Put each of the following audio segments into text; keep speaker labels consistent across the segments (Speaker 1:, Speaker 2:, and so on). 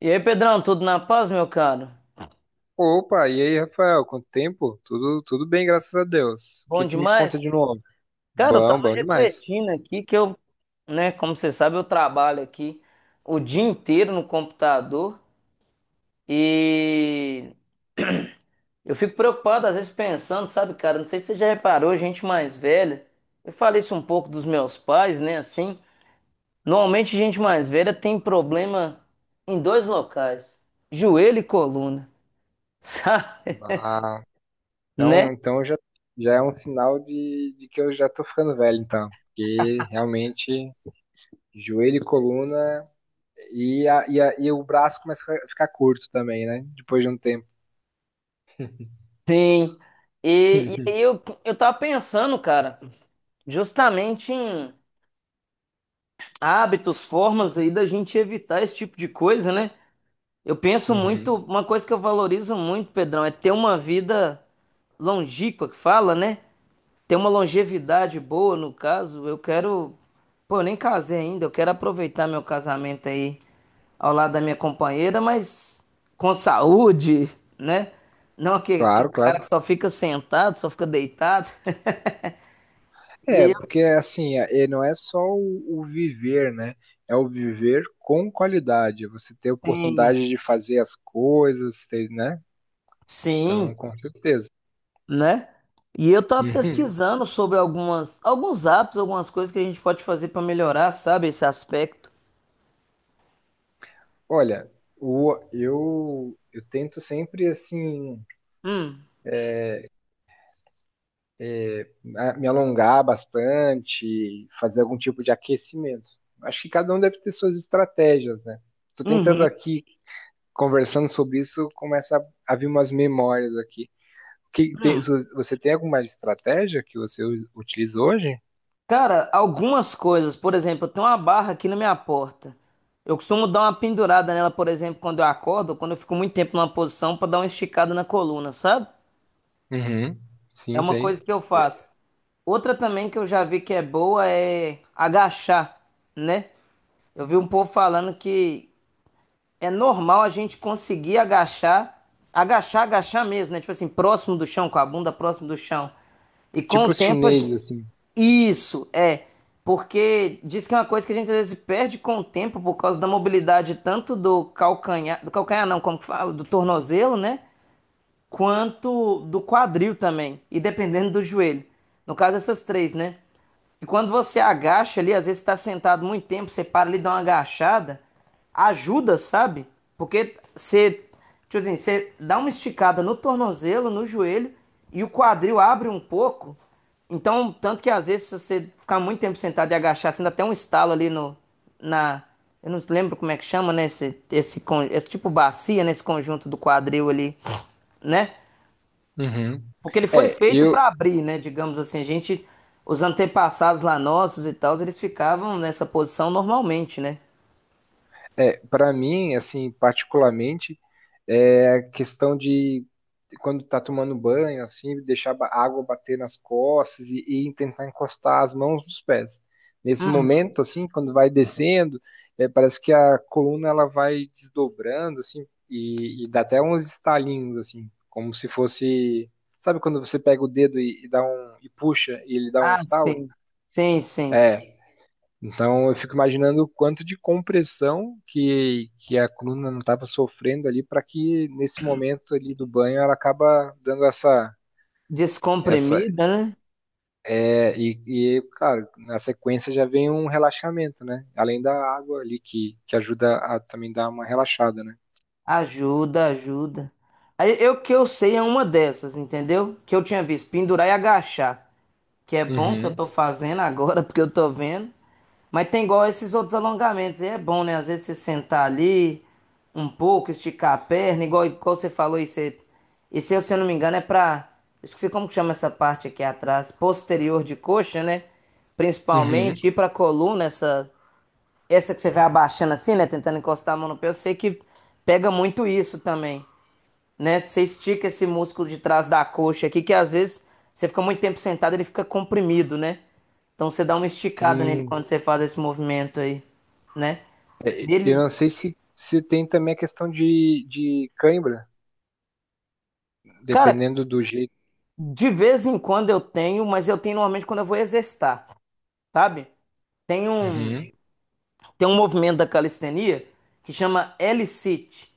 Speaker 1: E aí, Pedrão, tudo na paz, meu caro?
Speaker 2: Opa, e aí, Rafael? Quanto tempo? Tudo bem, graças a Deus. O
Speaker 1: Bom
Speaker 2: que que me conta
Speaker 1: demais?
Speaker 2: de novo?
Speaker 1: Cara, eu
Speaker 2: Bom,
Speaker 1: tava
Speaker 2: bom demais.
Speaker 1: refletindo aqui que eu, né, como você sabe, eu trabalho aqui o dia inteiro no computador e eu fico preocupado às vezes pensando, sabe, cara, não sei se você já reparou, gente mais velha, eu falei isso um pouco dos meus pais, né, assim, normalmente gente mais velha tem problema em dois locais, joelho e coluna, sabe,
Speaker 2: Ah,
Speaker 1: né?
Speaker 2: então, então já, já é um sinal de que eu já tô ficando velho, então. Porque realmente, joelho e coluna e o braço começa a ficar curto também, né? Depois de um tempo.
Speaker 1: Sim. E aí eu tava pensando, cara, justamente em hábitos, formas aí da gente evitar esse tipo de coisa, né? Eu penso muito,
Speaker 2: Uhum.
Speaker 1: uma coisa que eu valorizo muito, Pedrão, é ter uma vida longínqua, que fala, né? Ter uma longevidade boa, no caso. Eu quero, pô, eu nem casei ainda, eu quero aproveitar meu casamento aí ao lado da minha companheira, mas com saúde, né? Não aquele
Speaker 2: Claro, claro.
Speaker 1: cara que só fica sentado, só fica deitado. E
Speaker 2: É,
Speaker 1: aí eu
Speaker 2: porque assim, não é só o viver, né? É o viver com qualidade. É você ter
Speaker 1: tenho,
Speaker 2: oportunidade de fazer as coisas, ter, né?
Speaker 1: sim,
Speaker 2: Então, com certeza.
Speaker 1: né? E eu tava
Speaker 2: Uhum.
Speaker 1: pesquisando sobre algumas, alguns apps, algumas coisas que a gente pode fazer pra melhorar, sabe, esse aspecto.
Speaker 2: Olha, eu tento sempre, assim,
Speaker 1: Hum.
Speaker 2: me alongar bastante, fazer algum tipo de aquecimento. Acho que cada um deve ter suas estratégias, né? Tô tentando
Speaker 1: Uhum.
Speaker 2: aqui, conversando sobre isso, começa a vir umas memórias aqui. Que tem-
Speaker 1: Hum.
Speaker 2: se você tem alguma estratégia que você utiliza hoje?
Speaker 1: Cara, algumas coisas, por exemplo, eu tenho uma barra aqui na minha porta. Eu costumo dar uma pendurada nela, por exemplo, quando eu acordo, ou quando eu fico muito tempo numa posição pra dar uma esticada na coluna, sabe?
Speaker 2: Uhum.
Speaker 1: É
Speaker 2: Sim,
Speaker 1: uma
Speaker 2: sei.
Speaker 1: coisa que eu
Speaker 2: É,
Speaker 1: faço. Outra também que eu já vi que é boa é agachar, né? Eu vi um povo falando que é normal a gente conseguir agachar, agachar, agachar mesmo, né? Tipo assim, próximo do chão, com a bunda próximo do chão. E com
Speaker 2: tipo
Speaker 1: o
Speaker 2: os
Speaker 1: tempo, a
Speaker 2: chineses,
Speaker 1: gente...
Speaker 2: assim.
Speaker 1: Isso, é. Porque diz que é uma coisa que a gente às vezes perde com o tempo por causa da mobilidade tanto do calcanhar não, como que fala, do tornozelo, né? Quanto do quadril também, e dependendo do joelho. No caso, essas três, né? E quando você agacha ali, às vezes está sentado muito tempo, você para ali, dá uma agachada, ajuda, sabe? Porque você, tipo assim, você dá uma esticada no tornozelo, no joelho, e o quadril abre um pouco. Então, tanto que às vezes, se você ficar muito tempo sentado e agachar, você dá até um estalo ali no, na. Eu não lembro como é que chama, né? Esse tipo bacia, nesse conjunto do quadril ali, né?
Speaker 2: Uhum.
Speaker 1: Porque ele foi
Speaker 2: É,
Speaker 1: feito
Speaker 2: eu,
Speaker 1: para abrir, né? Digamos assim, a gente, os antepassados lá nossos e tal, eles ficavam nessa posição normalmente, né?
Speaker 2: É, para mim, assim, particularmente, é a questão de quando tá tomando banho, assim, deixar a água bater nas costas e tentar encostar as mãos nos pés. Nesse
Speaker 1: Hum,
Speaker 2: momento, assim, quando vai descendo, é, parece que a coluna ela vai desdobrando, assim, e dá até uns estalinhos, assim, como se fosse, sabe quando você pega o dedo e dá um e puxa e ele dá um
Speaker 1: ah,
Speaker 2: estalo?
Speaker 1: sim. Sim, sim.
Speaker 2: É, então, eu fico imaginando o quanto de compressão que a coluna não estava sofrendo ali para que nesse momento ali do banho ela acaba dando essa essa
Speaker 1: Descomprimida, né?
Speaker 2: é, e claro, na sequência já vem um relaxamento, né? Além da água ali que ajuda a também dar uma relaxada, né?
Speaker 1: Ajuda, ajuda. Aí, eu que eu sei é uma dessas, entendeu? Que eu tinha visto pendurar e agachar, que é bom que eu
Speaker 2: Uhum,
Speaker 1: tô fazendo agora, porque eu tô vendo. Mas tem igual esses outros alongamentos, e é bom, né? Às vezes você sentar ali um pouco, esticar a perna, igual você falou, isso é, isso, aí, se eu não me engano, é pra. Eu esqueci como que chama essa parte aqui atrás, posterior de coxa, né?
Speaker 2: uhum.
Speaker 1: Principalmente, ir pra coluna, essa que você vai abaixando assim, né? Tentando encostar a mão no pé, eu sei que pega muito isso também, né? Você estica esse músculo de trás da coxa aqui, que às vezes você fica muito tempo sentado, ele fica comprimido, né? Então você dá uma esticada nele
Speaker 2: Sim.
Speaker 1: quando você faz esse movimento aí, né?
Speaker 2: Eu
Speaker 1: Ele,
Speaker 2: não sei se tem também a questão de cãibra,
Speaker 1: cara,
Speaker 2: dependendo do jeito.
Speaker 1: de vez em quando eu tenho, mas eu tenho normalmente quando eu vou exercitar, sabe? Tem um,
Speaker 2: Uhum.
Speaker 1: Tem um movimento da calistenia que chama L-sit,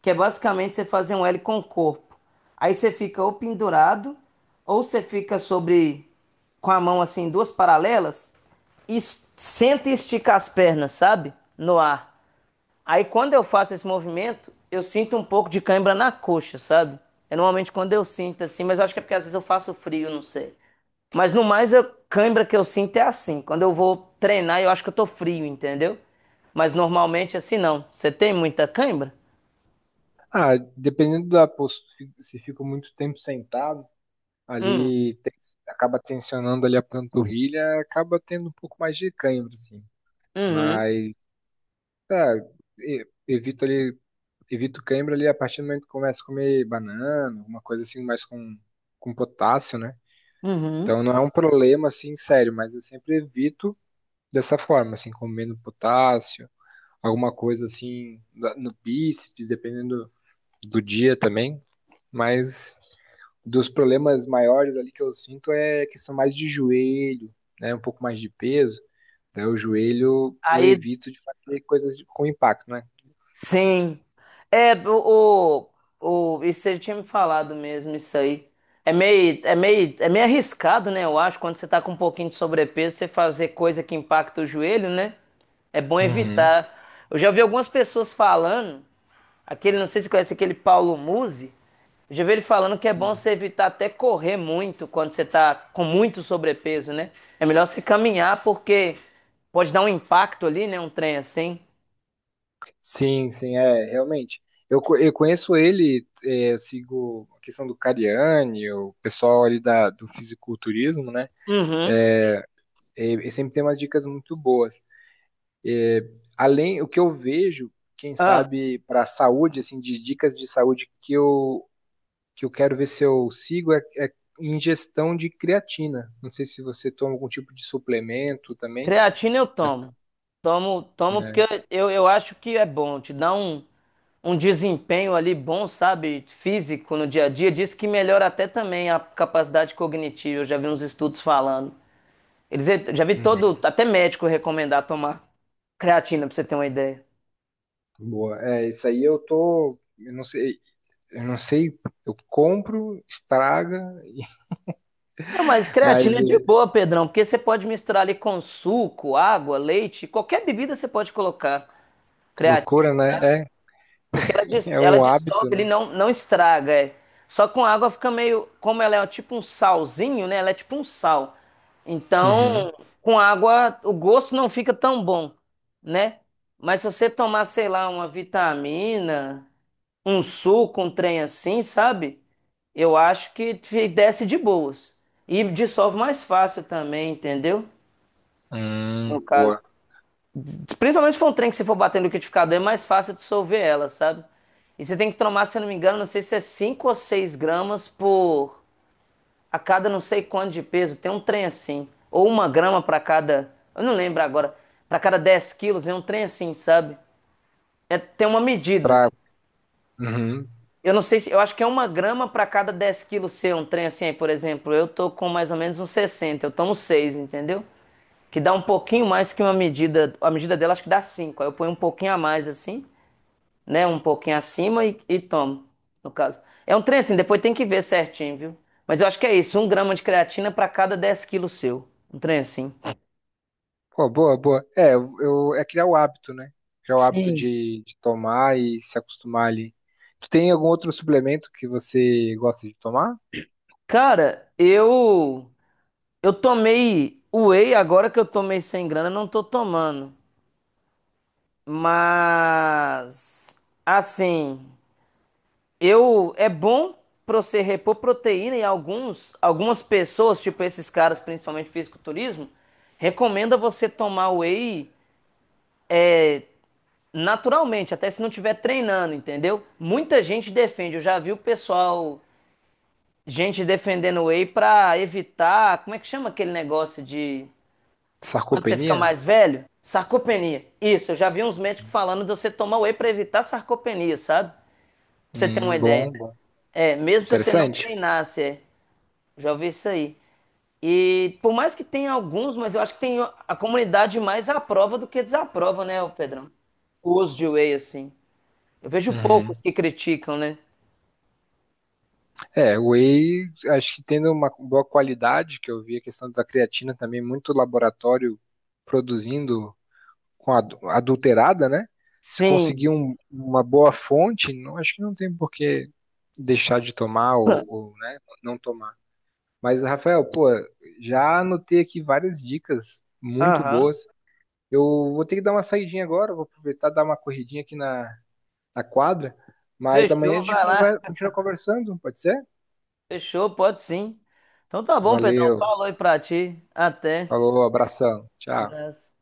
Speaker 1: que é basicamente você fazer um L com o corpo. Aí você fica ou pendurado, ou você fica sobre com a mão assim, duas paralelas, e senta e estica as pernas, sabe? No ar. Aí quando eu faço esse movimento, eu sinto um pouco de cãibra na coxa, sabe? É normalmente quando eu sinto assim, mas eu acho que é porque às vezes eu faço frio, não sei. Mas no mais, a cãibra que eu sinto é assim. Quando eu vou treinar, eu acho que eu tô frio, entendeu? Mas normalmente assim não. Você tem muita cãibra?
Speaker 2: Ah, dependendo da postura, se fico muito tempo sentado, ali acaba tensionando ali a panturrilha, acaba tendo um pouco mais de cãibra, assim.
Speaker 1: Uhum,
Speaker 2: Mas, tá, evito ali, evito cãibra ali a partir do momento que começo a comer banana, alguma coisa assim, mais com potássio, né?
Speaker 1: uhum.
Speaker 2: Então não é um problema, assim, sério, mas eu sempre evito dessa forma, assim, comendo potássio, alguma coisa assim, no bíceps, dependendo do dia também. Mas dos problemas maiores ali que eu sinto é questão mais de joelho, né? Um pouco mais de peso. Daí o joelho eu
Speaker 1: Aí
Speaker 2: evito de fazer coisas com impacto, né?
Speaker 1: sim. É, o, isso você tinha me falado mesmo, isso aí. É meio arriscado, né? Eu acho, quando você tá com um pouquinho de sobrepeso, você fazer coisa que impacta o joelho, né? É bom
Speaker 2: Uhum.
Speaker 1: evitar. Eu já vi algumas pessoas falando, aquele, não sei se você conhece aquele Paulo Musi, eu já vi ele falando que é bom você evitar até correr muito quando você tá com muito sobrepeso, né? É melhor você caminhar porque pode dar um impacto ali, né? Um trem assim.
Speaker 2: Sim, sim, é, realmente. Eu conheço ele, é, eu sigo a questão do Cariani, o pessoal ali do fisiculturismo, né?
Speaker 1: Uhum.
Speaker 2: É, ele sempre tem umas dicas muito boas. É, além, o que eu vejo, quem
Speaker 1: Ah.
Speaker 2: sabe, para a saúde, assim, de dicas de saúde que eu quero ver se eu sigo é ingestão de creatina. Não sei se você toma algum tipo de suplemento também.
Speaker 1: Creatina eu tomo. Tomo, tomo
Speaker 2: Né?
Speaker 1: porque eu acho que é bom, te dá um desempenho ali bom, sabe? Físico no dia a dia. Diz que melhora até também a capacidade cognitiva. Eu já vi uns estudos falando. Eles já vi todo,
Speaker 2: Uhum.
Speaker 1: até médico recomendar tomar creatina, pra você ter uma ideia.
Speaker 2: Boa. É, isso aí eu tô. Eu não sei, eu compro, estraga,
Speaker 1: Não, mas creatina
Speaker 2: mas
Speaker 1: é de
Speaker 2: é
Speaker 1: boa, Pedrão, porque você pode misturar ali com suco, água, leite, qualquer bebida você pode colocar creatina.
Speaker 2: loucura, né? É,
Speaker 1: Porque ela, dis-
Speaker 2: é
Speaker 1: ela
Speaker 2: um hábito,
Speaker 1: dissolve, ele
Speaker 2: né?
Speaker 1: não, não estraga. É. Só com água fica meio. Como ela é um, tipo um salzinho, né? Ela é tipo um sal.
Speaker 2: Uhum.
Speaker 1: Então, com água, o gosto não fica tão bom, né? Mas se você tomar, sei lá, uma vitamina, um suco, um trem assim, sabe? Eu acho que te desce de boas. E dissolve mais fácil também, entendeu? No caso.
Speaker 2: Boa.
Speaker 1: Principalmente se for um trem que você for bater no liquidificador, é mais fácil dissolver ela, sabe? E você tem que tomar, se eu não me engano, não sei se é 5 ou 6 gramas por a cada não sei quanto de peso. Tem um trem assim. Ou 1 grama para cada. Eu não lembro agora. Para cada 10 quilos, é um trem assim, sabe? É, tem uma medida.
Speaker 2: Pra, uhum.
Speaker 1: Eu não sei se. Eu acho que é 1 grama para cada 10 quilos ser um trem assim. Aí, por exemplo, eu tô com mais ou menos uns 60, eu tomo 6, entendeu? Que dá um pouquinho mais que uma medida. A medida dela acho que dá 5. Aí eu ponho um pouquinho a mais assim, né? Um pouquinho acima e tomo, no caso. É um trem assim, depois tem que ver certinho, viu? Mas eu acho que é isso, um grama de creatina para cada 10 quilos seu. Um trem assim.
Speaker 2: Pô, boa, boa. É, é criar o hábito, né? Criar o hábito
Speaker 1: Sim.
Speaker 2: de tomar e se acostumar ali. Tu tem algum outro suplemento que você gosta de tomar?
Speaker 1: Cara, eu tomei whey agora que eu tomei sem grana, não tô tomando. Mas assim, eu é bom pra você repor proteína e alguns algumas pessoas, tipo esses caras, principalmente fisiculturismo, recomenda você tomar whey é, naturalmente, até se não tiver treinando, entendeu? Muita gente defende, eu já vi o pessoal, gente defendendo whey pra evitar, como é que chama aquele negócio de quando você fica
Speaker 2: Sarcopenia?
Speaker 1: mais velho? Sarcopenia. Isso, eu já vi uns médicos falando de você tomar whey pra evitar sarcopenia, sabe? Pra você ter uma ideia.
Speaker 2: Bom, bom.
Speaker 1: É, mesmo se você não
Speaker 2: Interessante.
Speaker 1: treinasse, é. Já ouvi isso aí. E por mais que tenha alguns, mas eu acho que tem a comunidade mais aprova do que desaprova, né, ô Pedrão? O uso de whey, assim. Eu vejo
Speaker 2: Uhum.
Speaker 1: poucos que criticam, né?
Speaker 2: É, o whey, acho que tendo uma boa qualidade, que eu vi a questão da creatina também, muito laboratório produzindo com adulterada, né? Se conseguir
Speaker 1: Sim.
Speaker 2: uma boa fonte, não, acho que não tem por que deixar de tomar né, não tomar. Mas, Rafael, pô, já anotei aqui várias dicas muito
Speaker 1: Aham.
Speaker 2: boas. Eu vou ter que dar uma saidinha agora, vou aproveitar e dar uma corridinha aqui na quadra. Mas amanhã a
Speaker 1: Fechou,
Speaker 2: gente
Speaker 1: vai lá.
Speaker 2: continua conversando, pode ser?
Speaker 1: Fechou, pode sim. Então tá bom, Pedrão.
Speaker 2: Valeu,
Speaker 1: Falou aí pra ti. Até.
Speaker 2: falou, abração, tchau.
Speaker 1: Abraço.